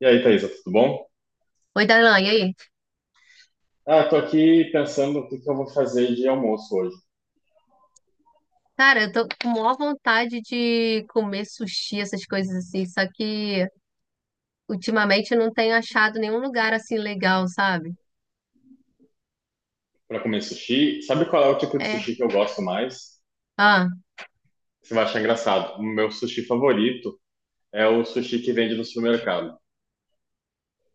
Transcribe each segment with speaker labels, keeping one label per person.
Speaker 1: E aí, Thaisa, tudo bom?
Speaker 2: Oi, Darlan, e aí?
Speaker 1: Ah, tô aqui pensando o que que eu vou fazer de almoço hoje.
Speaker 2: Cara, eu tô com maior vontade de comer sushi, essas coisas assim, só que ultimamente eu não tenho achado nenhum lugar assim legal, sabe?
Speaker 1: Pra comer sushi, sabe qual é o tipo de
Speaker 2: É.
Speaker 1: sushi que eu gosto mais?
Speaker 2: Ah,
Speaker 1: Você vai achar engraçado. O meu sushi favorito é o sushi que vende no supermercado.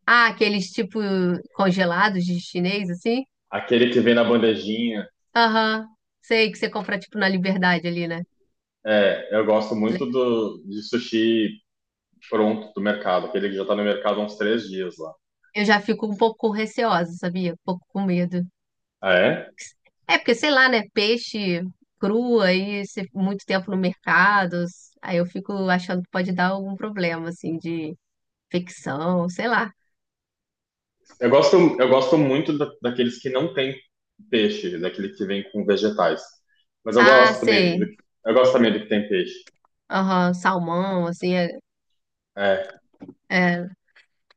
Speaker 2: ah, aqueles tipo congelados de chinês, assim?
Speaker 1: Aquele que vem na bandejinha.
Speaker 2: Aham. Sei que você compra tipo na Liberdade ali, né?
Speaker 1: É, eu gosto
Speaker 2: Le-
Speaker 1: muito de sushi pronto do mercado, aquele que já tá no mercado há uns três dias lá.
Speaker 2: Eu já fico um pouco receosa, sabia? Um pouco com medo.
Speaker 1: Ah, é?
Speaker 2: É porque, sei lá, né? Peixe cru aí, muito tempo no mercado, aí eu fico achando que pode dar algum problema, assim, de ficção, sei lá.
Speaker 1: Eu gosto muito daqueles que não tem peixe, daquele que vem com vegetais. Mas eu
Speaker 2: Ah,
Speaker 1: gosto também
Speaker 2: sei.
Speaker 1: eu gosto também do que tem peixe.
Speaker 2: Aham, salmão, assim, é,
Speaker 1: É,
Speaker 2: é,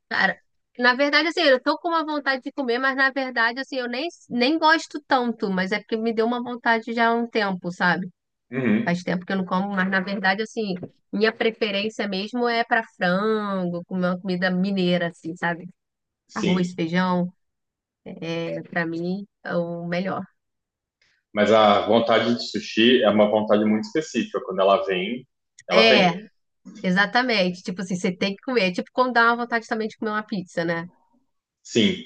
Speaker 2: cara, na verdade, assim, eu tô com uma vontade de comer, mas na verdade, assim, eu nem gosto tanto, mas é porque me deu uma vontade já há um tempo, sabe?
Speaker 1: uhum,
Speaker 2: Faz tempo que eu não como, mas na verdade, assim, minha preferência mesmo é pra frango, comer uma comida mineira, assim, sabe?
Speaker 1: sim,
Speaker 2: Arroz, feijão, é, pra mim, é o melhor.
Speaker 1: mas a vontade de sushi é uma vontade muito específica. Quando ela vem, ela vem.
Speaker 2: É, exatamente. Tipo assim, você tem que comer. É tipo quando dá uma vontade também de comer uma pizza, né?
Speaker 1: Sim,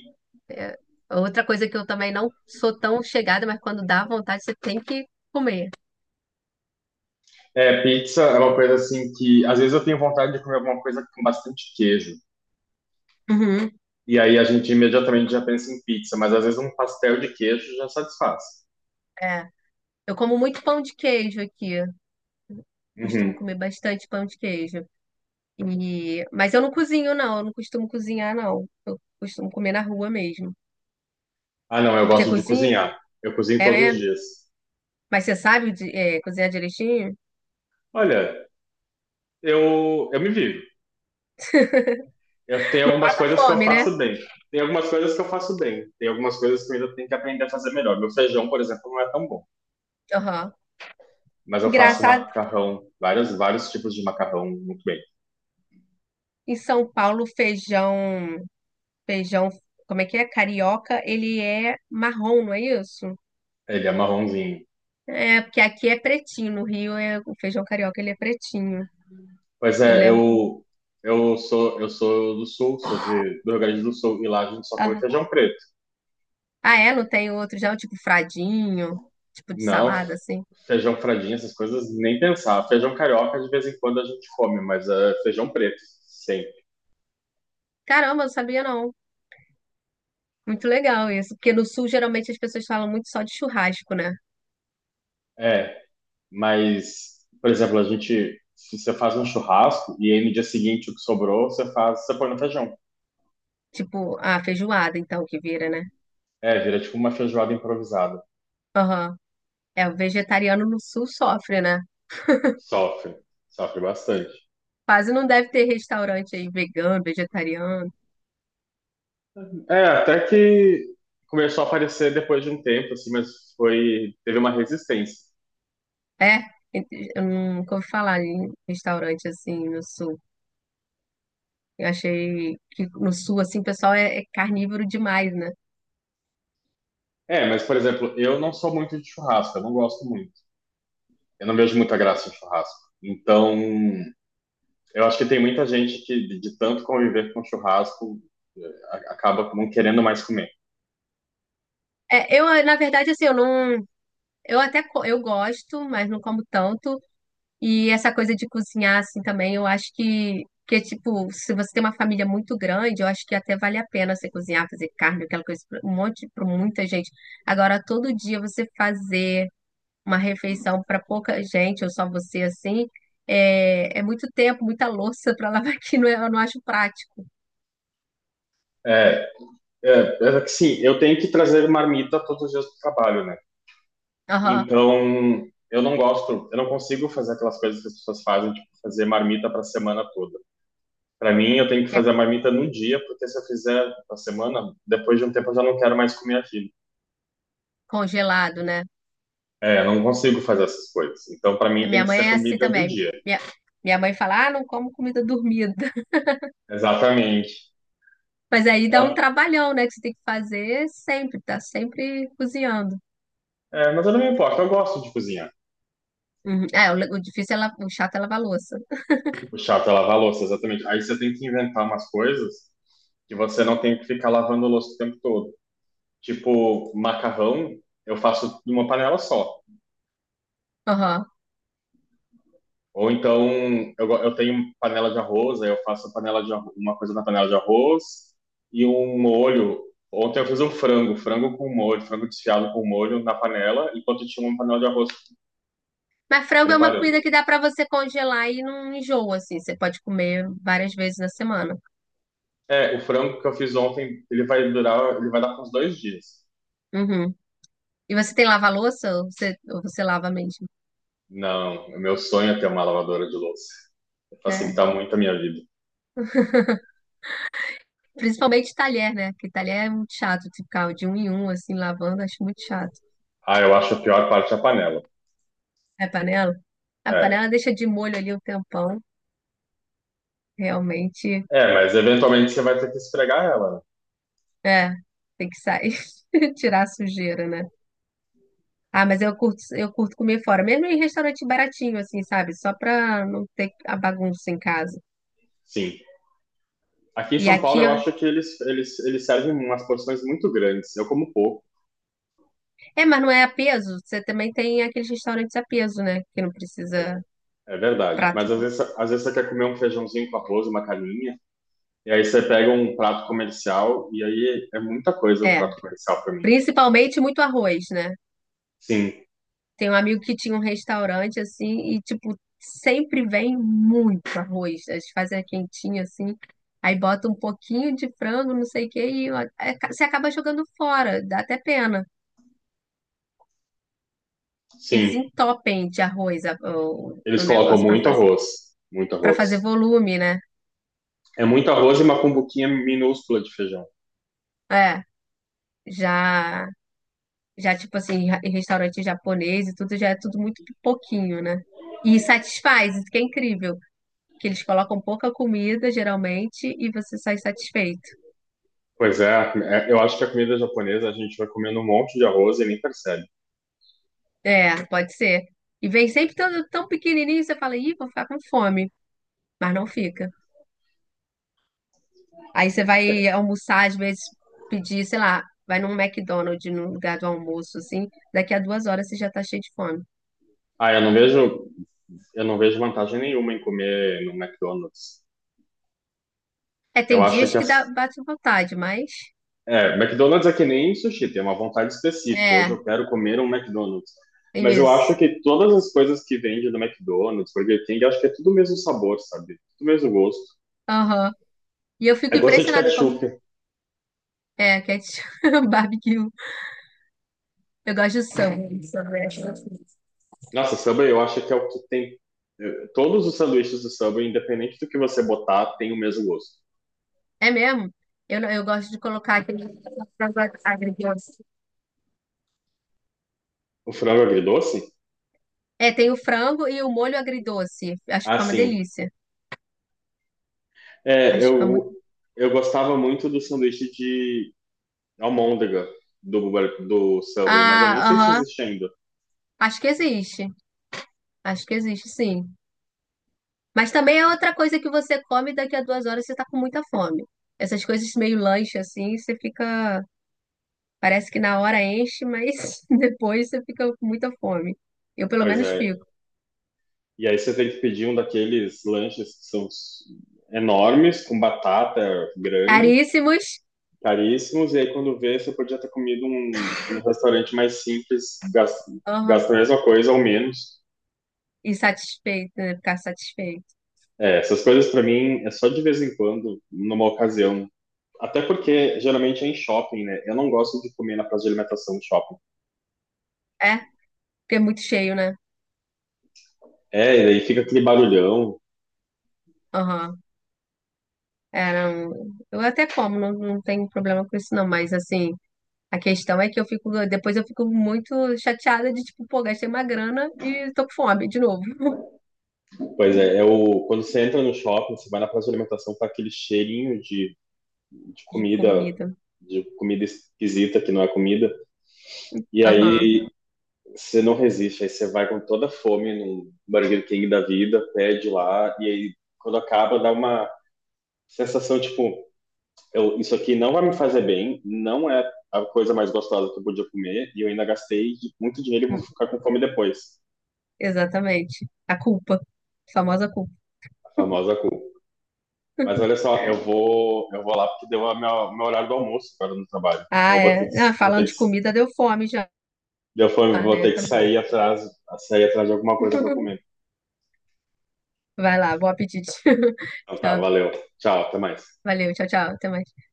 Speaker 2: É, outra coisa que eu também não sou tão chegada, mas quando dá vontade, você tem que comer.
Speaker 1: é, pizza é uma coisa assim que às vezes eu tenho vontade de comer alguma coisa com bastante queijo.
Speaker 2: Uhum.
Speaker 1: E aí a gente imediatamente já pensa em pizza, mas às vezes um pastel de queijo já satisfaz.
Speaker 2: É. Eu como muito pão de queijo aqui. Costumo
Speaker 1: Uhum.
Speaker 2: comer bastante pão de queijo. E... mas eu não cozinho, não. Eu não costumo cozinhar, não. Eu costumo comer na rua mesmo.
Speaker 1: Ah, não, eu
Speaker 2: Você
Speaker 1: gosto de
Speaker 2: cozinha?
Speaker 1: cozinhar. Eu cozinho
Speaker 2: É
Speaker 1: todos os
Speaker 2: mesmo?
Speaker 1: dias.
Speaker 2: Mas é, cozinhar direitinho?
Speaker 1: Olha, eu me vivo. Eu tenho
Speaker 2: Tá
Speaker 1: algumas coisas que eu
Speaker 2: fome, né?
Speaker 1: faço bem. Tem algumas coisas que eu faço bem. Tem algumas coisas que eu ainda tenho que aprender a fazer melhor. Meu feijão, por exemplo, não é tão bom.
Speaker 2: Aham.
Speaker 1: Mas eu faço
Speaker 2: Engraçado,
Speaker 1: macarrão, vários, vários tipos de macarrão muito bem.
Speaker 2: em São Paulo, feijão. Feijão. Como é que é? Carioca, ele é marrom, não é isso?
Speaker 1: Ele é marronzinho.
Speaker 2: É, porque aqui é pretinho, no Rio é, o feijão carioca ele é pretinho,
Speaker 1: Pois
Speaker 2: eu
Speaker 1: é,
Speaker 2: lembro.
Speaker 1: eu sou do Sul, sou do Rio Grande do Sul, e lá a gente só come
Speaker 2: Ah,
Speaker 1: feijão preto.
Speaker 2: ah, é? Não tem outro já, o tipo fradinho, tipo de
Speaker 1: Não,
Speaker 2: salada, assim.
Speaker 1: feijão fradinho, essas coisas, nem pensar. Feijão carioca, de vez em quando a gente come, mas é feijão preto, sempre.
Speaker 2: Caramba, eu não sabia não. Muito legal isso, porque no Sul geralmente as pessoas falam muito só de churrasco, né?
Speaker 1: É, mas, por exemplo, a gente, se você faz um churrasco, e aí no dia seguinte o que sobrou, você faz, você põe no feijão.
Speaker 2: Tipo, a feijoada, então, que vira, né?
Speaker 1: É, vira tipo uma feijoada improvisada.
Speaker 2: Aham. É, o vegetariano no Sul sofre, né?
Speaker 1: Sofre, sofre bastante.
Speaker 2: Quase não deve ter restaurante aí vegano, vegetariano.
Speaker 1: É, até que começou a aparecer depois de um tempo, assim, mas foi, teve uma resistência.
Speaker 2: É, eu nunca ouvi falar em restaurante assim no Sul. Eu achei que no sul, assim, o pessoal é carnívoro demais, né?
Speaker 1: É, mas, por exemplo, eu não sou muito de churrasco, eu não gosto muito. Eu não vejo muita graça em churrasco. Então, eu acho que tem muita gente que, de tanto conviver com churrasco, acaba não querendo mais comer.
Speaker 2: É, eu, na verdade, assim, eu não. Eu gosto, mas não como tanto. E essa coisa de cozinhar, assim, também, eu acho que tipo, se você tem uma família muito grande, eu acho que até vale a pena você cozinhar, fazer carne, aquela coisa, para muita gente. Agora, todo dia você fazer uma refeição para pouca gente, ou só você, assim, é, é muito tempo, muita louça para lavar, que não é- eu não acho prático.
Speaker 1: É, é, é que sim, eu tenho que trazer marmita todos os dias do trabalho, né?
Speaker 2: Aham.
Speaker 1: Então, eu não gosto, eu não consigo fazer aquelas coisas que as pessoas fazem, tipo, fazer marmita para a semana toda. Para mim, eu tenho que
Speaker 2: Que é
Speaker 1: fazer a marmita no dia, porque se eu fizer na semana, depois de um tempo eu já não quero mais comer aquilo.
Speaker 2: congelado, né?
Speaker 1: É, eu não consigo fazer essas coisas. Então, para
Speaker 2: A
Speaker 1: mim, tem
Speaker 2: minha
Speaker 1: que
Speaker 2: mãe
Speaker 1: ser a
Speaker 2: é assim
Speaker 1: comida do
Speaker 2: também.
Speaker 1: dia.
Speaker 2: Minha mãe fala, ah, não como comida dormida.
Speaker 1: Exatamente.
Speaker 2: Mas aí dá um
Speaker 1: Tá?
Speaker 2: trabalhão, né? Que você tem que fazer sempre, tá sempre cozinhando.
Speaker 1: É, mas eu não me importo, eu gosto de cozinhar.
Speaker 2: Uhum. É, o difícil é, o chato é lavar a louça.
Speaker 1: O chato é lavar a louça, exatamente. Aí você tem que inventar umas coisas que você não tem que ficar lavando a louça o tempo todo. Tipo, macarrão, eu faço numa panela só.
Speaker 2: Uhum.
Speaker 1: Ou então, eu tenho panela de arroz, aí eu faço uma coisa na panela de arroz e um molho. Ontem eu fiz um frango, frango com molho, frango desfiado com molho na panela, enquanto tinha uma panela de arroz
Speaker 2: Mas frango é uma
Speaker 1: preparando.
Speaker 2: comida que dá pra você congelar e não enjoa, assim. Você pode comer várias vezes na semana.
Speaker 1: É, o frango que eu fiz ontem, ele vai durar, ele vai dar uns dois dias.
Speaker 2: Uhum. E você tem lava-louça ou você lava mesmo?
Speaker 1: Não, o meu sonho é ter uma lavadora de louça.
Speaker 2: É.
Speaker 1: Facilita muito a minha vida.
Speaker 2: Principalmente talher, né? Porque talher é muito chato de ficar de um em um, assim, lavando, acho muito chato.
Speaker 1: Ah, eu acho a pior parte a panela.
Speaker 2: É panela? A panela
Speaker 1: É,
Speaker 2: deixa de molho ali um tempão. Realmente,
Speaker 1: é, mas eventualmente você vai ter que esfregar ela, né?
Speaker 2: é, tem que sair, tirar a sujeira, né? Ah, mas eu curto comer fora, mesmo em restaurante baratinho, assim, sabe? Só pra não ter a bagunça em casa.
Speaker 1: Sim. Aqui em
Speaker 2: E
Speaker 1: São Paulo,
Speaker 2: aqui,
Speaker 1: eu
Speaker 2: ó,
Speaker 1: acho que eles servem umas porções muito grandes. Eu como pouco,
Speaker 2: é, mas não é a peso. Você também tem aqueles restaurantes a peso, né? Que não precisa
Speaker 1: é verdade.
Speaker 2: prato.
Speaker 1: Mas às vezes você quer comer um feijãozinho com arroz, uma carninha, e aí você pega um prato comercial, e aí é muita coisa o
Speaker 2: É,
Speaker 1: prato comercial para mim.
Speaker 2: principalmente muito arroz, né?
Speaker 1: Sim,
Speaker 2: Tem um amigo que tinha um restaurante assim e, tipo, sempre vem muito arroz, né? Eles fazem a quentinha assim, aí bota um pouquinho de frango, não sei o quê, e ó, é, você acaba jogando fora, dá até pena.
Speaker 1: sim.
Speaker 2: Eles entopem de arroz o
Speaker 1: Eles colocam
Speaker 2: negócio
Speaker 1: muito arroz, muito
Speaker 2: para
Speaker 1: arroz.
Speaker 2: fazer volume, né?
Speaker 1: É muito arroz e uma cumbuquinha minúscula de feijão.
Speaker 2: É, já, já tipo assim, em restaurante japonês e tudo, já é tudo muito pouquinho, né? E satisfaz, isso que é incrível. Que eles colocam pouca comida, geralmente, e você sai satisfeito.
Speaker 1: Pois é, é, eu acho que a comida japonesa a gente vai comendo um monte de arroz e nem percebe.
Speaker 2: É, pode ser. E vem sempre tão, tão pequenininho, você fala, ih, vou ficar com fome, mas não fica. Aí você vai almoçar, às vezes pedir, sei lá, vai num McDonald's, num lugar do almoço, assim, daqui a 2 horas você já tá cheio de fome.
Speaker 1: Ah, eu não vejo vantagem nenhuma em comer no McDonald's.
Speaker 2: É,
Speaker 1: Eu
Speaker 2: tem
Speaker 1: acho
Speaker 2: dias
Speaker 1: que
Speaker 2: que dá,
Speaker 1: as
Speaker 2: bate vontade, mas...
Speaker 1: é, McDonald's é que nem sushi, tem uma vontade específica. Hoje
Speaker 2: É,
Speaker 1: eu quero comer um McDonald's.
Speaker 2: é
Speaker 1: Mas eu acho
Speaker 2: isso.
Speaker 1: que todas as coisas que vende do McDonald's, Burger King, eu acho que é tudo o mesmo sabor, sabe? Tudo o mesmo gosto.
Speaker 2: Aham. E eu fico
Speaker 1: Eu gosto de
Speaker 2: impressionada como...
Speaker 1: ketchup.
Speaker 2: É, ketchup, barbecue. Eu gosto de samba.
Speaker 1: Nossa, Subway eu acho que é o que tem. Todos os sanduíches do Subway, independente do que você botar, tem o mesmo gosto.
Speaker 2: É mesmo? Eu, não- eu gosto de colocar aquele... frango agridoce.
Speaker 1: O frango agridoce?
Speaker 2: É, tem o frango e o molho agridoce. Acho que
Speaker 1: Ah,
Speaker 2: fica uma
Speaker 1: sim.
Speaker 2: delícia.
Speaker 1: É,
Speaker 2: Acho que fica muito.
Speaker 1: eu gostava muito do sanduíche de almôndega do Subway, mas eu
Speaker 2: Ah,
Speaker 1: nem sei se
Speaker 2: aham.
Speaker 1: existe ainda.
Speaker 2: Acho que existe. Acho que existe, sim. Mas também é outra coisa que você come e daqui a 2 horas você tá com muita fome. Essas coisas meio lanche assim, você fica. Parece que na hora enche, mas depois você fica com muita fome. Eu pelo
Speaker 1: Pois
Speaker 2: menos
Speaker 1: é,
Speaker 2: fico.
Speaker 1: e aí você tem que pedir um daqueles lanches que enormes, com batata grande,
Speaker 2: Caríssimos.
Speaker 1: caríssimos. E aí quando vê, você podia ter comido um, num restaurante mais simples,
Speaker 2: Aham.
Speaker 1: gastando a mesma coisa ou menos.
Speaker 2: E satisfeito, né? Ficar satisfeito.
Speaker 1: É, essas coisas para mim é só de vez em quando, numa ocasião. Até porque geralmente é em shopping, né? Eu não gosto de comer na praça de alimentação de shopping.
Speaker 2: É, porque é muito cheio, né?
Speaker 1: É, e daí fica aquele barulhão.
Speaker 2: Aham. É, não... Eu até como, não, não tenho problema com isso, não, mas assim. A questão é que eu fico, depois eu fico muito chateada de, tipo, pô, gastei uma grana e tô com fome de novo,
Speaker 1: Pois é, quando você entra no shopping, você vai na praça de alimentação, tá aquele cheirinho de
Speaker 2: de
Speaker 1: comida
Speaker 2: comida.
Speaker 1: de comida esquisita que não é comida. E
Speaker 2: Aham,
Speaker 1: aí você não resiste, aí você vai com toda a fome num Burger King da vida, pede lá, e aí quando acaba dá uma sensação tipo, isso aqui não vai me fazer bem, não é a coisa mais gostosa que eu podia comer, e eu ainda gastei muito dinheiro e vou
Speaker 2: hum,
Speaker 1: ficar com fome depois.
Speaker 2: exatamente. A culpa, a famosa culpa.
Speaker 1: A famosa cu. Mas olha só, eu vou lá porque deu o meu horário do almoço agora no trabalho.
Speaker 2: Ah,
Speaker 1: Então eu
Speaker 2: é. Ah,
Speaker 1: vou ter
Speaker 2: falando
Speaker 1: que
Speaker 2: de comida, deu fome já,
Speaker 1: deu fome, vou ter
Speaker 2: né?
Speaker 1: que
Speaker 2: Tá bom.
Speaker 1: sair atrás de alguma coisa para comer.
Speaker 2: Vai lá, bom apetite.
Speaker 1: Então tá,
Speaker 2: Tchau.
Speaker 1: valeu. Tchau, até mais.
Speaker 2: Valeu, tchau, tchau. Até mais.